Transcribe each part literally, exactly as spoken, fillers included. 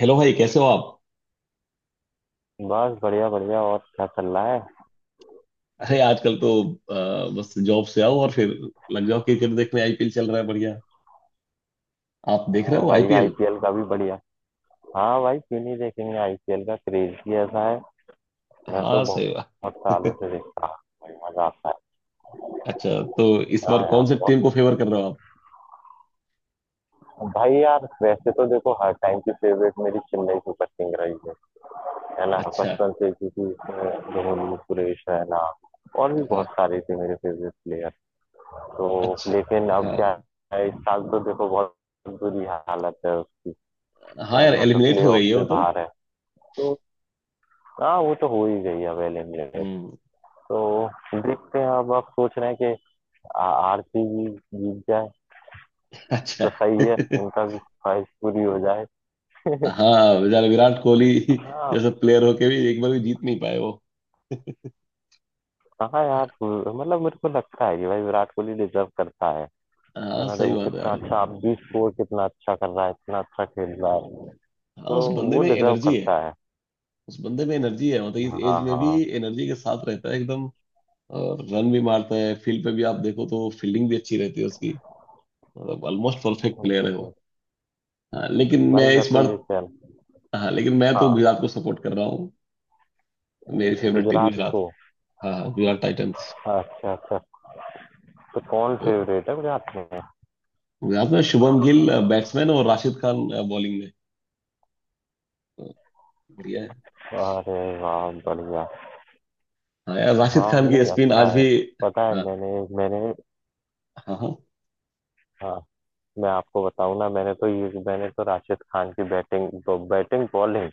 Hello भाई कैसे हो आप। बस बढ़िया बढ़िया और क्या चल रहा है। अरे आजकल तो अ, बस जॉब से आओ और फिर लग जाओ क्रिकेट देखने। आईपीएल चल रहा है, बढ़िया। आप देख रहे हाँ हो भाई, आईपीएल? आईपीएल का भी बढ़िया। हाँ भाई क्यों नहीं देखेंगे, आईपीएल का क्रेज ही ऐसा है। मैं तो हाँ बहुत सही बहुत सालों बात। से देखता हूँ। बड़ी मजा आता है। अच्छा तो इस हाँ बार कौन से यार बहुत। टीम को फेवर कर रहे हो आप? भाई यार वैसे तो देखो हर टाइम की फेवरेट मेरी चेन्नई सुपर किंग रही है है ना अच्छा। बचपन से, क्योंकि उसमें धोनी, सुरेश रैना और भी बहुत हाँ। सारे थे मेरे फेवरेट प्लेयर। तो अच्छा। लेकिन अब हाँ क्या है, इस साल तो देखो बहुत बुरी हालत है उसकी। हाँ है यार, ना, तो एलिमिनेट प्ले हो ऑफ गई है वो से तो। बाहर है तो। हाँ, वो तो हो ही गई है अवेलेबल। हम्म। तो देखते हैं अब। आप सोच रहे हैं कि आ- आरसीबी जीत जाए तो अच्छा। सही है, उनका भी ख्वाहिश पूरी हो जाए। हाँ, बेचारे विराट कोहली हाँ जैसे प्लेयर होके भी एक बार भी जीत नहीं पाए वो। कहाँ यार, मतलब मेरे को लगता है कि भाई विराट कोहली डिजर्व करता है। है हाँ ना, सही देखो बात है कितना यार। अच्छा, आप भी स्कोर कितना अच्छा कर रहा है, इतना अच्छा खेल रहा है। हाँ तो उस बंदे वो में डिजर्व एनर्जी है। करता है। उस बंदे में एनर्जी है, मतलब इस हाँ एज हाँ में भी हाँ। एनर्जी के साथ रहता है एकदम। और रन भी मारता है, फील्ड पे भी आप देखो तो फील्डिंग भी अच्छी रहती है उसकी। मतलब ऑलमोस्ट परफेक्ट प्लेयर है वो। बिल्कुल। हाँ लेकिन मैं भाई मैं इस तो बार। ये कह रहा हूँ, हाँ लेकिन मैं तो हाँ, गुजरात को सपोर्ट कर रहा हूँ। मेरी फेवरेट टीम गुजरात गुजरात को। है। हाँ हाँ, गुजरात टाइटंस। अच्छा अच्छा, तो कौन वो फेवरेट है गुजरात में। गुजरात में शुभम गिल बैट्समैन और राशिद खान बॉलिंग में। तो बढ़िया है। अरे वाह, बढ़िया। हाँ यार, राशिद हाँ खान की नहीं, स्पिन अच्छा आज है। भी। पता है हाँ मैंने मैंने। हाँ हाँ। हाँ मैं आपको बताऊँ ना, मैंने तो ये मैंने तो राशिद खान की बैटिंग तो बैटिंग बॉलिंग,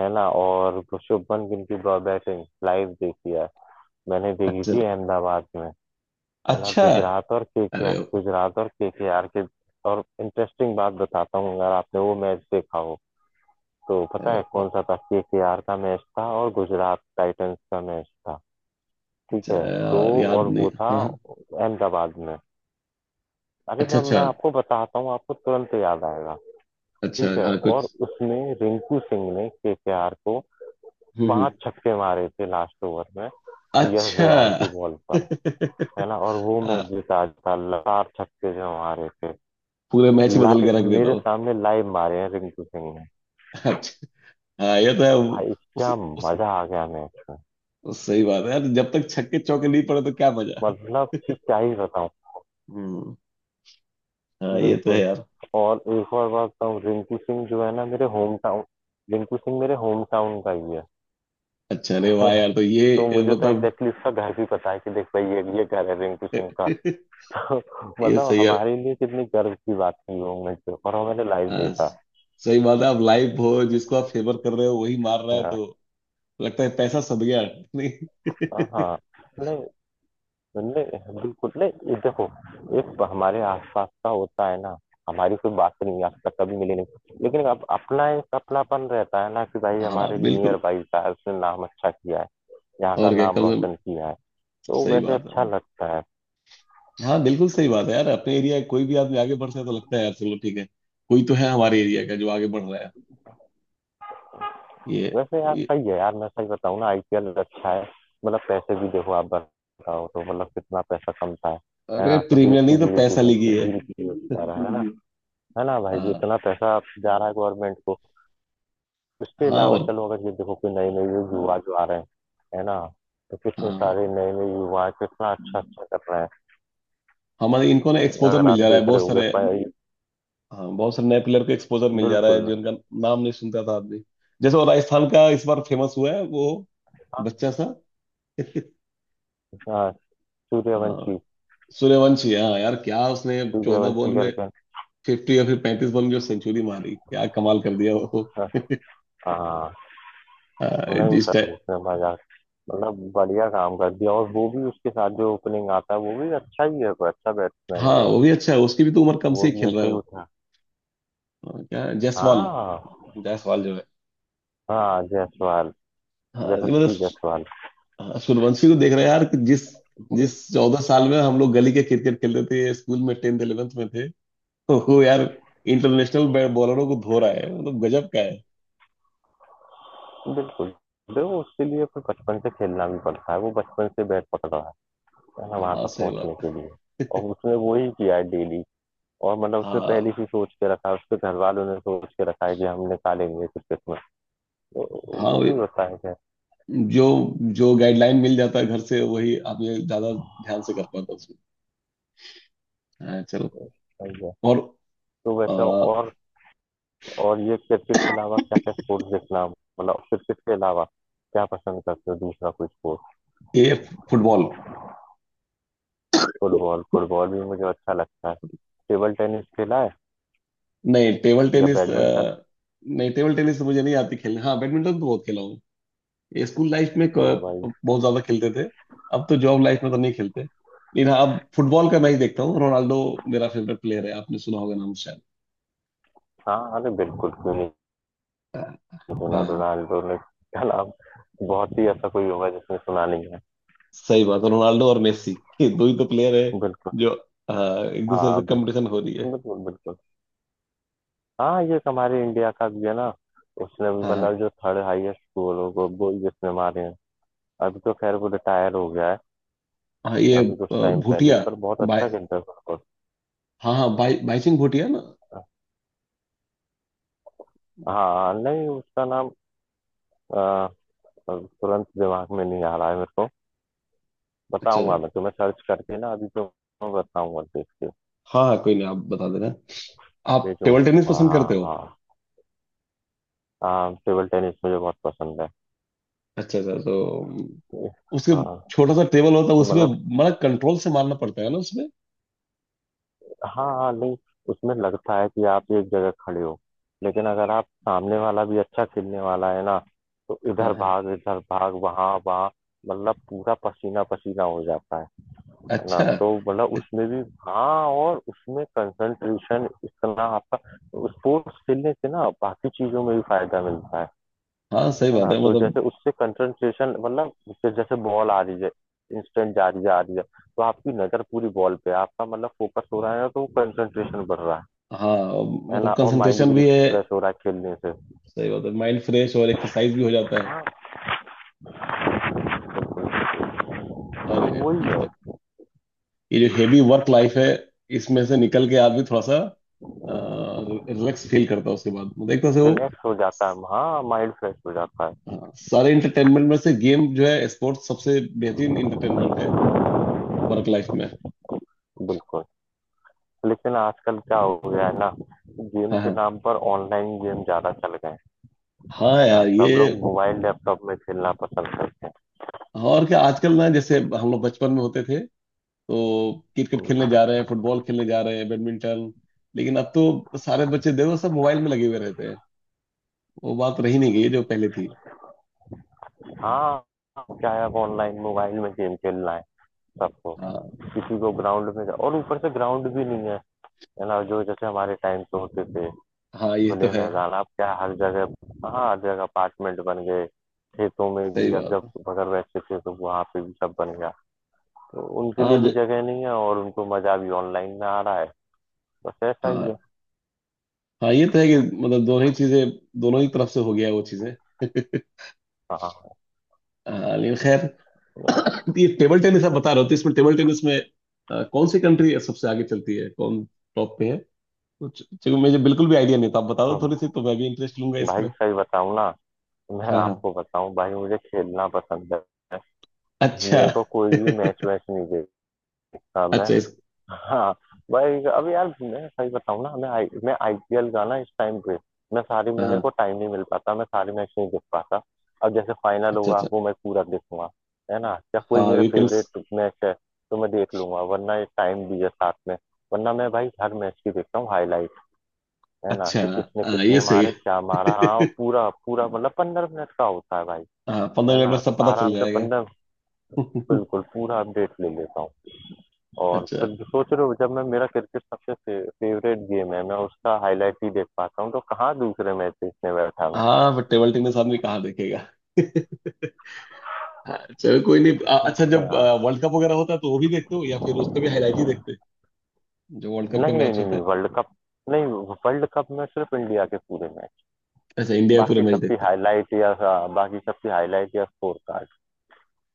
है ना, और शुभमन गिल की बैटिंग लाइव देखी है। मैंने देखी अच्छा। थी अहमदाबाद में, है ना। अच्छा। गुजरात और अरे केकेआर, वाह। गुजरात और केकेआर के आर के। और इंटरेस्टिंग बात बताता हूँ, अगर आपने वो मैच देखा हो तो अरे पता है वाह। कौन सा था, केकेआर का मैच था और गुजरात टाइटंस का मैच था। ठीक अच्छा है तो, यार याद और नहीं। वो था हाँ हाँ। अहमदाबाद में। अरे अच्छा मैम अच्छा। मैं आपको बताता हूँ, आपको तुरंत याद आएगा। अच्छा ठीक है, हाँ कुछ। और उसमें रिंकू सिंह ने केकेआर को हम्म हम्म। पांच छक्के मारे थे लास्ट ओवर में, यश अच्छा। दयाल की बॉल पर, है ना, और वो मैच हाँ, जीता था। लगातार छक्के जो मारे थे, पूरे मैच ही बदल के लाइव रख देता मेरे हूँ। सामने लाइव मारे हैं रिंकू सिंह ने। अच्छा। हाँ ये तो है वो- भाई उस, क्या उस, मजा आ गया मैच में। उस सही बात है यार, जब तक छक्के चौके नहीं पड़े तो क्या मजा। मतलब कि क्या ही बताऊं। हम्म। हाँ ये तो है बिल्कुल। यार। और एक और बात बताऊं, रिंकू सिंह जो है ना, मेरे होम टाउन, रिंकू सिंह मेरे होम टाउन का ही अच्छा, अरे वाह है। यार तो तो ये मुझे तो मतलब। एग्जैक्टली exactly उसका घर भी पता है, कि देख भाई ये ये घर है रिंकू सिंह का। तो ये मतलब सही है। हमारे लिए कितनी गर्व की बात थी वो मोमेंट पे, और वो मैंने लाइव हाँ देखा। सही बात है, आप लाइव हो, जिसको आप फेवर कर रहे हो वही मार रहा है तो लगता है पैसा सद गया। नहीं। हाँ हाँ, नहीं नहीं, बिल्कुल नहीं, ये देखो एक हमारे आसपास का होता है ना। हमारी कोई बात नहीं, आज तक कभी मिली नहीं, लेकिन अब अपना एक अपनापन रहता है ना, कि भाई हाँ हमारे बिल्कुल। नियर बाई था, उसने नाम अच्छा किया है, यहाँ का और क्या, नाम कम से कम रोशन किया है, तो सही वैसे बात अच्छा है। लगता है। हाँ बिल्कुल सही बात है यार, अपने एरिया कोई भी आदमी आगे बढ़ता है तो लगता है यार चलो ठीक है। कोई तो है हमारे एरिया का जो आगे बढ़ रहा है। ये, वैसे यार ये सही है यार, मैं सही बताऊं ना, आईपीएल अच्छा है। मतलब पैसे भी देखो, आप बताओ तो मतलब कितना पैसा कमता है है अरे ना। तो देश प्रीमियर की नहीं तो जीडीपी, पैसा लीगी है। जीडीपी जा रहा है है ना। हम्म। है ना, भाई जी हाँ इतना पैसा जा रहा है गवर्नमेंट को। उसके हाँ। अलावा और चलो, अगर ये देखो कोई नए नए युवा जो आ रहे हैं, है ना, तो कितने सारे हाँ, नए नए युवा कितना अच्छा अच्छा कर रहे हमारे इनको ना हैं। एक्सपोजर अगर मिल आप जा रहा है देख रहे बहुत होगे सारे। पर- हाँ बहुत सारे नए प्लेयर को एक्सपोजर मिल जा रहा है बिल्कुल। जिनका नाम नहीं सुनता था आदमी। जैसे वो राजस्थान का इस बार फेमस हुआ है वो हाँ बच्चा सा। हाँ, हाँ सूर्यवंशी, सूर्यवंशी। हाँ यार क्या उसने चौदह बॉल सूर्यवंशी में करके। फिफ्टी या फिर पैंतीस बॉल में जो सेंचुरी मारी, क्या कमाल कर दिया वो। हाँ हाँ, नहीं जिस सर, टाइम। उसने मजाक, मतलब बढ़िया काम कर दिया। और वो भी उसके साथ जो ओपनिंग आता है वो भी अच्छा ही है, वो अच्छा बैट्समैन है हाँ वो वो भी भी। अच्छा है, उसकी भी तो उम्र कम से वो ही भी खेल रहा ऐसे है ही वो। उठा। हाँ क्या है? जायसवाल। हाँ जायसवाल जो है। हाँ, जायसवाल, हाँ नहीं, मतलब यशस्वी जायसवाल। हाँ, सूर्यवंशी को देख रहे हैं यार कि जिस वो भी। जिस चौदह साल में हम लोग गली के क्रिकेट खेलते थे, स्कूल में टेंथ इलेवेंथ में थे, तो वो यार इंटरनेशनल बॉलरों को धो रहा है, मतलब गजब का है। बिल्कुल। देखो उसके लिए फिर बचपन से खेलना भी पड़ता है, वो बचपन से बैट पकड़ रहा है ना वहां हाँ तक सही पहुंचने के बात। लिए। और उसने वो ही किया है डेली। और मतलब उसने पहले हाँ से सोच के रखा है, उसके घर वालों ने सोच के रखा है कि हम निकालेंगे क्रिकेट में। तो हाँ वो वे- भी होता है, खैर, जो जो गाइडलाइन मिल जाता है घर से वही आदमी ज्यादा ध्यान से कर पाता है उसमें। हाँ चलो। सही है। और तो आ, वैसे और और ये क्रिकेट के अलावा क्या क्या स्पोर्ट्स देखना, मतलब क्रिकेट के अलावा क्या पसंद करते हो, दूसरा कोई स्पोर्ट। ये फुटबॉल। फुटबॉल, फुटबॉल भी मुझे अच्छा लगता है। टेबल टेनिस खेला है नहीं टेबल या टेनिस। बैडमिंटन। अ, नहीं टेबल टेनिस तो मुझे नहीं आती खेलने। हाँ बैडमिंटन तो बहुत खेला हूँ। ये स्कूल लाइफ में तो क- भाई, बहुत ज्यादा खेलते थे। अब तो जॉब लाइफ में तो नहीं खेलते, लेकिन हाँ, अब फुटबॉल का मैच देखता हूँ। रोनाल्डो मेरा फेवरेट प्लेयर है, आपने सुना होगा नाम शायद। हाँ, अरे बिल्कुल, क्यों नहीं हाँ सुना, हाँ तो हाँ। रोनाल्डो ने क्या नाम, बहुत ही ऐसा कोई होगा जिसने सुना नहीं है। सही बात है, रोनाल्डो और मेसी, ये दो ही तो प्लेयर है बिल्कुल। जो हाँ, एक दूसरे से हाँ बिल्कुल कंपटीशन हो रही है। बिल्कुल बिल्कुल। हाँ ये एक हमारे इंडिया का भी है ना, उसने भी हाँ हाँ। मतलब जो थर्ड हाईएस्ट गोल हो गो, गोल जिसने मारे हैं। अभी तो खैर वो रिटायर हो गया है हाँ, ये अभी कुछ अ, टाइम पहले भूटिया ही, पर बहुत भाई। अच्छा खेलता है, सुपर। हाँ हाँ भाई भाई सिंह भूटिया ना। हाँ नहीं उसका नाम अ, तुरंत दिमाग में नहीं आ रहा है मेरे को। अच्छा बताऊंगा अच्छा। मैं तुम्हें सर्च करके ना अभी तो, बताऊंगा देख के हाँ हाँ कोई नहीं, आप बता देना। आप टेबल टेनिस भेजूंगा। पसंद हाँ करते हो? हाँ। हाँ टेबल टेनिस मुझे बहुत पसंद है। अच्छा अच्छा। तो उसके हाँ छोटा सा टेबल होता है उसमें, मतलब, मतलब कंट्रोल से मारना पड़ता है ना उसमें। हाँ हाँ नहीं, उसमें लगता है कि आप एक जगह खड़े हो, लेकिन अगर आप सामने वाला भी अच्छा खेलने वाला है ना, तो हाँ इधर हाँ। भाग इधर भाग वहाँ वहाँ, मतलब पूरा पसीना पसीना हो जाता है है ना। अच्छा। तो मतलब उसमें भी, हाँ, और उसमें कंसंट्रेशन इतना आपका, स्पोर्ट्स खेलने से ना बाकी चीजों में भी फायदा मिलता है हाँ सही है बात ना। है तो मतलब। जैसे उससे कंसंट्रेशन, मतलब उससे जैसे बॉल आ रही है, इंस्टेंट जा रही है आ रही है, तो आपकी नजर पूरी बॉल पे है, आपका मतलब फोकस हो रहा है ना, तो कंसंट्रेशन बढ़ रहा है हाँ है मतलब ना। और माइंड कंसंट्रेशन भी भी है। रिफ्रेश हो रहा है खेलने से। सही बात है, माइंड फ्रेश और एक्सरसाइज भी हो जाता है। हाँ तो और वही है। मतलब ये जो हेवी वर्क लाइफ है, इसमें से निकल के आदमी थोड़ा सा रिलैक्स फील करता है उसके बाद, मतलब एक तरह से वो। रिलैक्स हो जाता है, हाँ माइंड फ्रेश हो जाता है। हाँ, सारे इंटरटेनमेंट में से गेम जो है स्पोर्ट्स सबसे बेहतरीन इंटरटेनमेंट है वर्क लाइफ में। बिल्कुल। लेकिन आजकल क्या हो गया है ना, गेम हाँ के हाँ। नाम पर ऑनलाइन गेम ज्यादा चल गए हैं। हाँ हाँ यार ये। सब लोग मोबाइल लैपटॉप में खेलना पसंद करते और क्या, आजकल ना जैसे हम लोग बचपन में होते थे तो क्रिकेट खेलने हैं। जा रहे हैं, फुटबॉल खेलने जा रहे हैं, बैडमिंटन। लेकिन अब तो सारे बच्चे देखो सब मोबाइल में लगे हुए रहते हैं। वो बात रही नहीं, गई जो पहले थी। हाँ क्या है, अब ऑनलाइन मोबाइल में गेम खेलना है सबको। हाँ किसी को ग्राउंड में जा- और ऊपर से ग्राउंड भी नहीं है, है ना, जो जैसे हमारे टाइम पे होते थे, हाँ, ये तो खुले है। मैदान। अब क्या है, हर जगह, हाँ हर जगह अपार्टमेंट बन गए। खेतों में सही भी, अब बात जब है। बगल बैठते थे तो वहां पे भी सब बन गया, तो उनके हाँ लिए भी ज- जगह नहीं है, और उनको मजा भी ऑनलाइन में आ रहा है। बस ऐसा हाँ ही है। हाँ, ये तो है कि मतलब दोनों ही चीजें, दोनों ही तरफ से हो गया वो चीजें। हाँ हाँ लेकिन खैर, हाँ। ये टेबल टेनिस आप बता रहे हो तो इसमें, टेबल टेनिस में अ, कौन सी कंट्री सबसे आगे चलती है, कौन टॉप पे है कुछ? चूंकि मुझे बिल्कुल भी आइडिया नहीं था, आप बता दो अब थोड़ी सी तो मैं भी इंटरेस्ट लूंगा भाई इसमें। सही बताऊँ ना, मैं हाँ हाँ। आपको बताऊँ भाई मुझे खेलना पसंद है, अच्छा। मेरे को कोई भी मैच वैच नहीं देखता मैं। अच्छा इस। हाँ भाई, अब यार मैं सही बताऊँ ना, मैं आई, मैं आईपीएल का ना इस टाइम पे मैं सारी में हाँ मेरे हाँ। को टाइम नहीं मिल पाता, मैं सारे मैच नहीं देख पाता। अब जैसे फाइनल अच्छा होगा अच्छा। वो मैं पूरा देखूंगा, है ना, या कोई हाँ मेरे वीकेंड्स। फेवरेट मैच है तो मैं देख लूंगा, वरना ये टाइम भी है साथ में। वरना मैं भाई हर मैच की देखता हूँ हाईलाइट, है ना, अच्छा। कि किसने हाँ ये कितने सही मारे, है। क्या मारा। हाँ पूरा पूरा, मतलब पंद्रह मिनट का होता है भाई, हाँ पंद्रह है मिनट में ना, तो सब पता चल आराम से जाएगा। पंद्रह, बिल्कुल पूरा अपडेट ले लेता हूँ। और अच्छा। फिर सोच रहे हो, जब मैं, मेरा क्रिकेट सबसे फे, फेवरेट गेम है, मैं उसका हाईलाइट ही देख पाता हूँ, तो कहाँ दूसरे मैच देखने बैठा मैं। हाँ बट टेबल टेनिस आदमी कहाँ देखेगा। हाँ चलो कोई नहीं। अ- अच्छा, जब हाँ वर्ल्ड कप वगैरह होता है तो वो भी देखते हो या फिर उसका भी हाईलाइट ही देखते हैं जो वर्ल्ड कप के नहीं नहीं मैच नहीं होते नहीं, हैं? वर्ल्ड कप नहीं। वर्ल्ड कप में सिर्फ इंडिया के पूरे मैच, अच्छा, इंडिया के पूरे बाकी मैच सबकी देखते हैं। हाईलाइट, या हाँ, बाकी सबकी हाईलाइट या स्कोर कार्ड।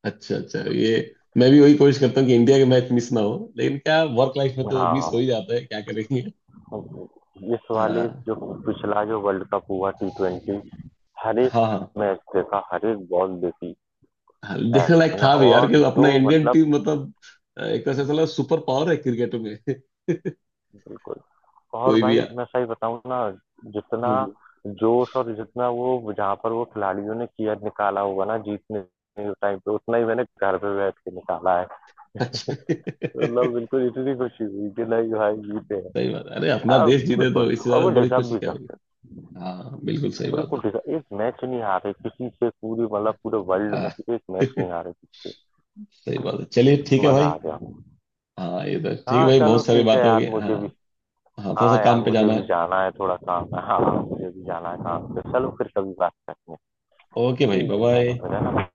अच्छा अच्छा, ये मैं भी वही कोशिश करता हूँ कि इंडिया के मैच मिस ना हो, लेकिन क्या वर्क लाइफ में तो हाँ मिस हो हाँ। ही जाता है, क्या करेंगे। इस वाले हाँ जो पिछला जो वर्ल्ड कप हुआ टी ट्वेंटी, हर एक हाँ। हाँ मैच देखा, हर एक बॉल देखी, हाँ, है देखने लायक ना। था भी यार, और कि जो अपना इंडियन मतलब, टीम मतलब अ, एक तरह से साला सुपर पावर है क्रिकेट में। बिल्कुल। और कोई भी भाई आ- मैं सही बताऊं ना, जितना हम्म, हम्म। जोश और जितना वो, जहाँ पर वो खिलाड़ियों ने किया, निकाला होगा ना जीतने टाइम पे, उतना ही मैंने घर पे बैठ के निकाला है। अच्छा। मतलब बिल्कुल, इतनी खुशी हुई कि नहीं भाई जीते हैं। सही बात है, अरे अपना अब देश जीते तो बिल्कुल, इससे और ज्यादा वो बड़ी डिजर्व खुशी भी क्या होगी। कर, हाँ बिल्कुल सही बात बिल्कुल है। ठीक है, एक मैच नहीं हारे किसी से पूरी, मतलब पूरे वर्ल्ड हाँ। में एक मैच नहीं हारे किसी सही बात है, चलिए से, ठीक है मजा भाई। आ गया। हाँ ये तो ठीक है हाँ भाई, चलो बहुत सारी ठीक है बातें हो यार, गई। हाँ। मुझे भी, हाँ थोड़ा हाँ सा यार काम पे मुझे जाना है। भी जाना है, थोड़ा काम है। हाँ हाँ, मुझे भी जाना है काम पे। चलो फिर कभी बात करते हैं। ओके भाई, बाय ठीक है, चलो बाय। फिर, है ना, बाय।